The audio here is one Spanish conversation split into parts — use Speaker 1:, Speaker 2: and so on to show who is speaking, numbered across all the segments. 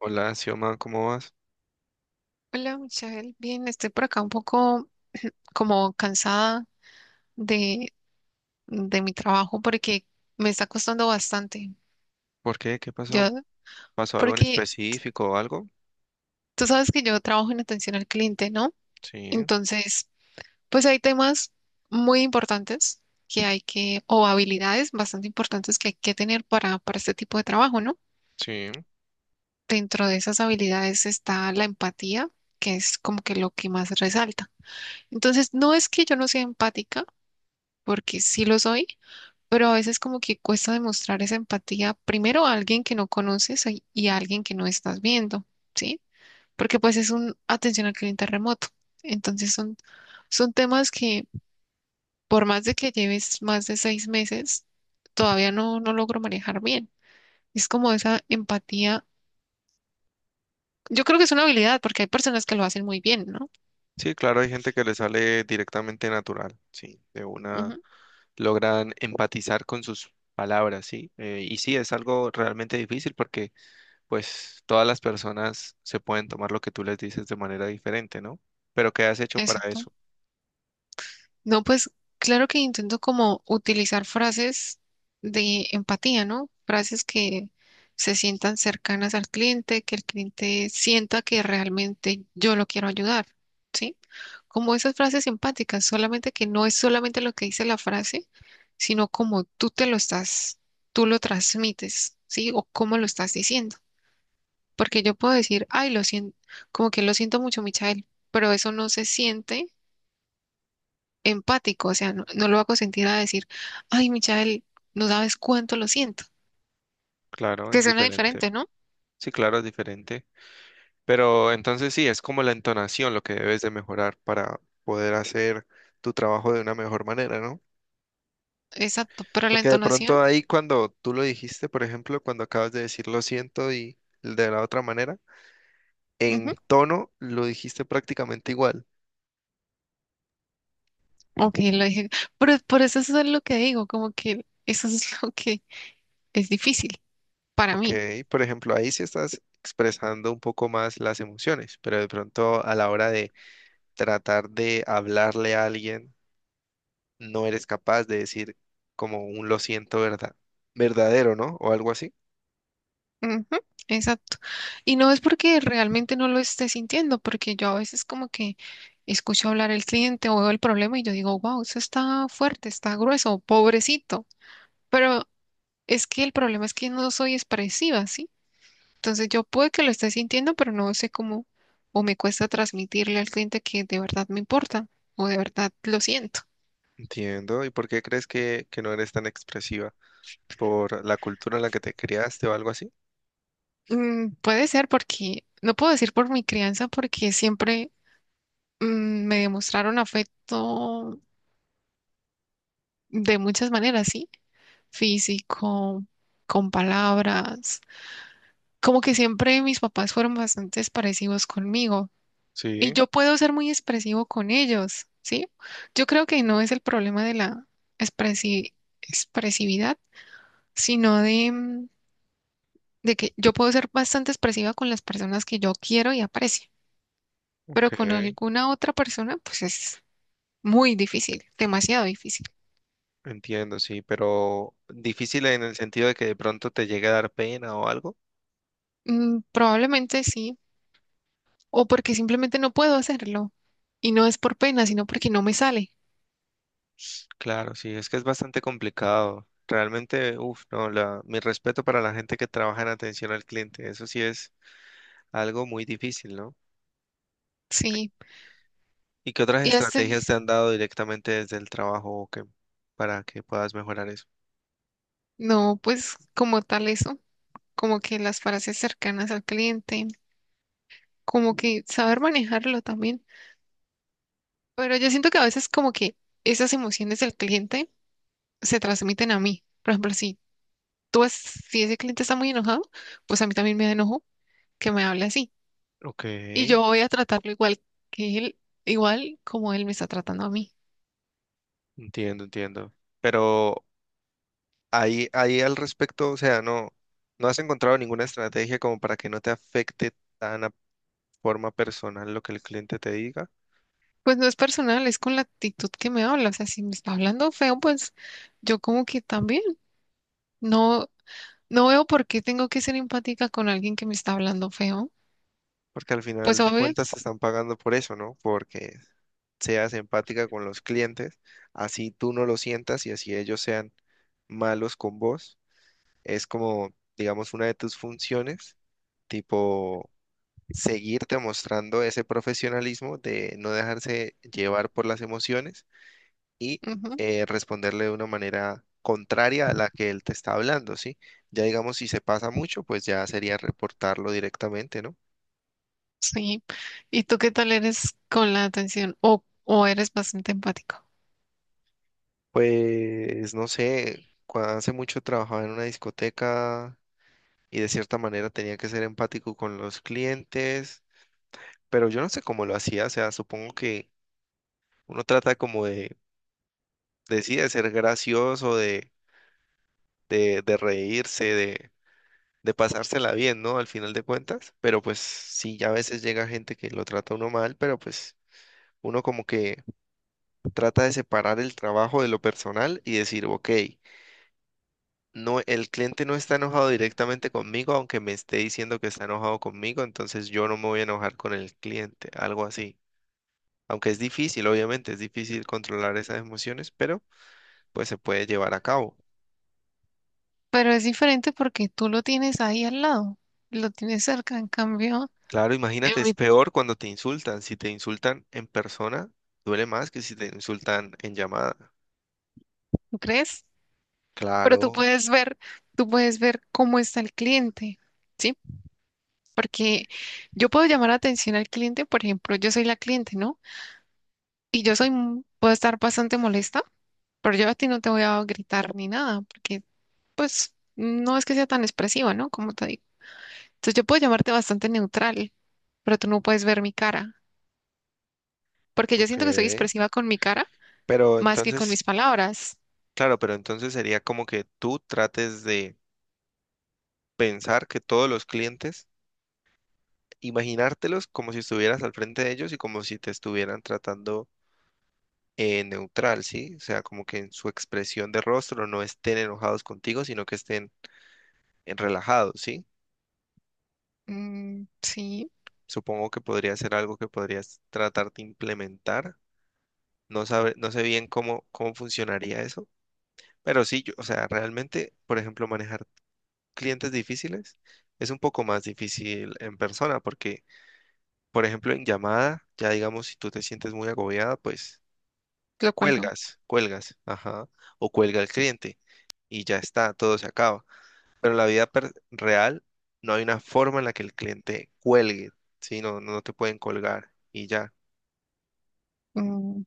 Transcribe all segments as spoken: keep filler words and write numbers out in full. Speaker 1: Hola, Xioma, ¿cómo vas?
Speaker 2: Hola, Michelle. Bien, estoy por acá un poco como cansada de, de mi trabajo porque me está costando bastante.
Speaker 1: ¿Por qué? ¿Qué pasó?
Speaker 2: Yo,
Speaker 1: ¿Pasó algo en
Speaker 2: Porque
Speaker 1: específico o algo?
Speaker 2: tú sabes que yo trabajo en atención al cliente, ¿no?
Speaker 1: Sí,
Speaker 2: Entonces, pues hay temas muy importantes que hay que, o habilidades bastante importantes que hay que tener para, para este tipo de trabajo, ¿no?
Speaker 1: sí.
Speaker 2: Dentro de esas habilidades está la empatía, que es como que lo que más resalta. Entonces, no es que yo no sea empática, porque sí lo soy, pero a veces como que cuesta demostrar esa empatía primero a alguien que no conoces y y a alguien que no estás viendo, ¿sí? Porque pues es un atención al cliente remoto. Entonces son, son temas que por más de que lleves más de seis meses, todavía no, no logro manejar bien. Es como esa empatía. Yo creo que es una habilidad porque hay personas que lo hacen muy bien, ¿no?
Speaker 1: Sí, claro, hay gente que le sale directamente natural, sí, de una
Speaker 2: Ujú,
Speaker 1: logran empatizar con sus palabras, sí. Eh, y sí, es algo realmente difícil porque pues todas las personas se pueden tomar lo que tú les dices de manera diferente, ¿no? Pero ¿qué has hecho para
Speaker 2: exacto.
Speaker 1: eso?
Speaker 2: No, pues claro que intento como utilizar frases de empatía, ¿no? Frases que se sientan cercanas al cliente, que el cliente sienta que realmente yo lo quiero ayudar, ¿sí? Como esas frases empáticas, solamente que no es solamente lo que dice la frase, sino como tú te lo estás, tú lo transmites, ¿sí? O cómo lo estás diciendo. Porque yo puedo decir, ay, lo siento, como que lo siento mucho, Michael, pero eso no se siente empático, o sea, no, no lo hago sentir a decir, ay, Michael, no sabes cuánto lo siento,
Speaker 1: Claro,
Speaker 2: que
Speaker 1: es
Speaker 2: suena
Speaker 1: diferente.
Speaker 2: diferente, ¿no?
Speaker 1: Sí, claro, es diferente. Pero entonces sí, es como la entonación lo que debes de mejorar para poder hacer tu trabajo de una mejor manera, ¿no?
Speaker 2: Exacto, pero la
Speaker 1: Porque de
Speaker 2: entonación,
Speaker 1: pronto ahí cuando tú lo dijiste, por ejemplo, cuando acabas de decir lo siento y de la otra manera,
Speaker 2: ujú,
Speaker 1: en tono lo dijiste prácticamente igual,
Speaker 2: ok, lo dije, pero por eso es lo que digo, como que eso es lo que es difícil para
Speaker 1: ¿ok?
Speaker 2: mí,
Speaker 1: Por ejemplo, ahí sí estás expresando un poco más las emociones, pero de pronto a la hora de tratar de hablarle a alguien, no eres capaz de decir como un lo siento verdad, verdadero, ¿no? O algo así.
Speaker 2: ujú, exacto, y no es porque realmente no lo esté sintiendo, porque yo a veces como que escucho hablar el cliente o veo el problema y yo digo, wow, eso está fuerte, está grueso, pobrecito, pero es que el problema es que no soy expresiva, ¿sí? Entonces yo puede que lo esté sintiendo, pero no sé cómo o me cuesta transmitirle al cliente que de verdad me importa o de verdad lo siento.
Speaker 1: Entiendo. ¿Y por qué crees que, que no eres tan expresiva? ¿Por la cultura en la que te criaste o algo así?
Speaker 2: Mm, puede ser porque, no puedo decir por mi crianza, porque siempre mm, me demostraron afecto de muchas maneras, ¿sí? Físico, con palabras. Como que siempre mis papás fueron bastante parecidos conmigo, y
Speaker 1: Sí,
Speaker 2: yo puedo ser muy expresivo con ellos, ¿sí? Yo creo que no es el problema de la expresi- expresividad, sino de, mm, de que yo puedo ser bastante expresiva con las personas que yo quiero y aprecio, pero
Speaker 1: ok.
Speaker 2: con alguna otra persona, pues es muy difícil, demasiado difícil.
Speaker 1: Entiendo, sí, pero difícil en el sentido de que de pronto te llegue a dar pena o algo.
Speaker 2: Mm, probablemente sí, o porque simplemente no puedo hacerlo, y no es por pena, sino porque no me sale,
Speaker 1: Claro, sí, es que es bastante complicado. Realmente, uff, no, la, mi respeto para la gente que trabaja en atención al cliente, eso sí es algo muy difícil, ¿no?
Speaker 2: ¿sí?
Speaker 1: ¿Y qué otras
Speaker 2: Y este,
Speaker 1: estrategias te han dado directamente desde el trabajo que, para que puedas mejorar eso?
Speaker 2: no, pues como tal eso, como que las frases cercanas al cliente, como que saber manejarlo también. Pero yo siento que a veces como que esas emociones del cliente se transmiten a mí. Por ejemplo, si tú es, si ese cliente está muy enojado, pues a mí también me da enojo que me hable así.
Speaker 1: Ok,
Speaker 2: Y yo voy a tratarlo igual que él, igual como él me está tratando a mí.
Speaker 1: entiendo, entiendo. Pero ahí, ahí al respecto, o sea, no, no has encontrado ninguna estrategia como para que no te afecte tan a forma personal lo que el cliente te diga,
Speaker 2: Pues no es personal, es con la actitud que me habla. O sea, si me está hablando feo, pues yo como que también no, no veo por qué tengo que ser empática con alguien que me está hablando feo.
Speaker 1: porque al
Speaker 2: Pues
Speaker 1: final de
Speaker 2: obvio.
Speaker 1: cuentas te están pagando por eso, ¿no? Porque seas empática con los clientes, así tú no lo sientas y así ellos sean malos con vos. Es como, digamos, una de tus funciones, tipo seguirte mostrando ese profesionalismo de no dejarse llevar por las emociones y
Speaker 2: Ujú.
Speaker 1: eh, responderle de una manera contraria a la que él te está hablando, ¿sí? Ya digamos, si se pasa mucho, pues ya sería reportarlo directamente, ¿no?
Speaker 2: Sí. ¿Y tú qué tal eres con la atención? O, o eres bastante empático.
Speaker 1: Pues no sé, cuando hace mucho trabajaba en una discoteca y de cierta manera tenía que ser empático con los clientes, pero yo no sé cómo lo hacía, o sea, supongo que uno trata como de, de sí, de ser gracioso, de, de, de reírse, de, de pasársela bien, ¿no? Al final de cuentas, pero pues sí, ya a veces llega gente que lo trata a uno mal, pero pues uno como que trata de separar el trabajo de lo personal y decir, ok, no, el cliente no está enojado directamente conmigo, aunque me esté diciendo que está enojado conmigo, entonces yo no me voy a enojar con el cliente, algo así. Aunque es difícil, obviamente, es difícil controlar esas emociones, pero pues se puede llevar a cabo.
Speaker 2: Pero es diferente porque tú lo tienes ahí al lado, lo tienes cerca. En cambio,
Speaker 1: Claro,
Speaker 2: en
Speaker 1: imagínate, es
Speaker 2: mi-
Speaker 1: peor cuando te insultan. Si te insultan en persona, duele más que si te insultan en llamada.
Speaker 2: ¿tú crees? Pero tú
Speaker 1: Claro,
Speaker 2: puedes ver, tú puedes ver cómo está el cliente, ¿sí? Porque yo puedo llamar la atención al cliente, por ejemplo, yo soy la cliente, ¿no? Y yo soy, m- puedo estar bastante molesta, pero yo a ti no te voy a gritar ni nada, porque pues no es que sea tan expresiva, ¿no? Como te digo. Entonces yo puedo llamarte bastante neutral, pero tú no puedes ver mi cara, porque yo
Speaker 1: ok.
Speaker 2: siento que soy expresiva con mi cara
Speaker 1: Pero
Speaker 2: más que con
Speaker 1: entonces,
Speaker 2: mis palabras.
Speaker 1: claro, pero entonces sería como que tú trates de pensar que todos los clientes, imaginártelos como si estuvieras al frente de ellos y como si te estuvieran tratando eh, neutral, ¿sí? O sea, como que en su expresión de rostro no estén enojados contigo, sino que estén eh, relajados, ¿sí?
Speaker 2: Mm, sí,
Speaker 1: Supongo que podría ser algo que podrías tratar de implementar. No sabe, no sé bien cómo, cómo funcionaría eso, pero sí, yo, o sea, realmente, por ejemplo, manejar clientes difíciles es un poco más difícil en persona, porque, por ejemplo, en llamada, ya digamos, si tú te sientes muy agobiada, pues
Speaker 2: lo cual no.
Speaker 1: cuelgas, cuelgas, ajá, o cuelga el cliente y ya está, todo se acaba. Pero en la vida per- real no hay una forma en la que el cliente cuelgue, ¿sí? No, no te pueden colgar y ya.
Speaker 2: Mm,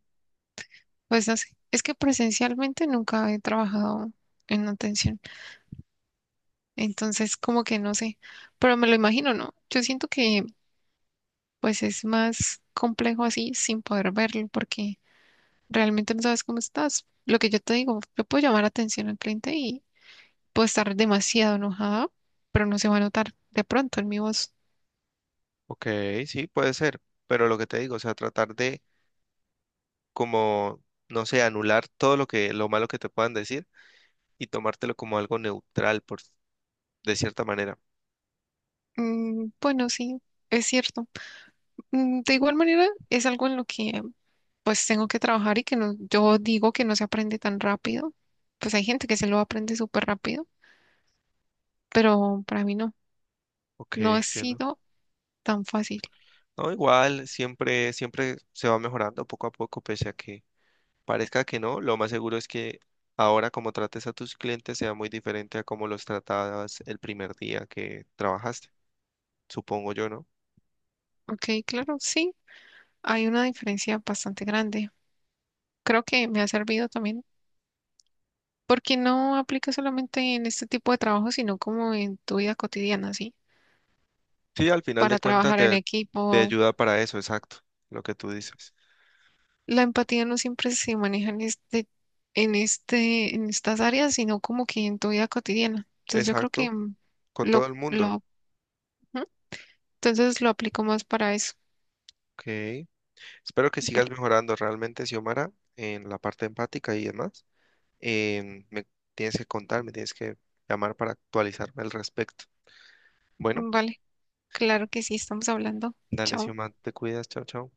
Speaker 2: pues no sé, es que presencialmente nunca he trabajado en atención, entonces como que no sé, pero me lo imagino, ¿no? Yo siento que pues es más complejo así sin poder verlo porque realmente no sabes cómo estás. Lo que yo te digo, yo puedo llamar atención al cliente y puedo estar demasiado enojada, pero no se va a notar de pronto en mi voz.
Speaker 1: Ok, sí, puede ser, pero lo que te digo, o sea, tratar de como, no sé, anular todo lo que, lo malo que te puedan decir y tomártelo como algo neutral, por, de cierta manera.
Speaker 2: Mm, bueno, sí, es cierto. Mm, de igual manera, es algo en lo que pues tengo que trabajar y que no, yo digo que no se aprende tan rápido. Pues hay gente que se lo aprende súper rápido, pero para mí no,
Speaker 1: Ok,
Speaker 2: no ha
Speaker 1: entiendo.
Speaker 2: sido tan fácil.
Speaker 1: No, igual, siempre, siempre se va mejorando poco a poco, pese a que parezca que no, lo más seguro es que ahora como trates a tus clientes sea muy diferente a como los tratabas el primer día que trabajaste, supongo yo, ¿no?
Speaker 2: Ok, claro, sí, hay una diferencia bastante grande. Creo que me ha servido también porque no aplica solamente en este tipo de trabajo, sino como en tu vida cotidiana, ¿sí?
Speaker 1: Sí, al final de
Speaker 2: Para
Speaker 1: cuentas
Speaker 2: trabajar en
Speaker 1: te, te
Speaker 2: equipo,
Speaker 1: ayuda para eso, exacto, lo que tú dices.
Speaker 2: la empatía no siempre se maneja en este, en este, en estas áreas, sino como que en tu vida cotidiana. Entonces yo creo
Speaker 1: Exacto,
Speaker 2: que mm,
Speaker 1: con todo
Speaker 2: lo,
Speaker 1: el mundo.
Speaker 2: lo, ujú, entonces lo aplico más para eso.
Speaker 1: Ok. Espero que sigas
Speaker 2: Vale,
Speaker 1: mejorando realmente, Xiomara, en la parte empática y demás. Em, me tienes que contar, me tienes que llamar para actualizarme al respecto. Bueno,
Speaker 2: vale, claro que sí, estamos hablando.
Speaker 1: dale,
Speaker 2: Chao.
Speaker 1: Xiomara, te cuidas, chao, chao.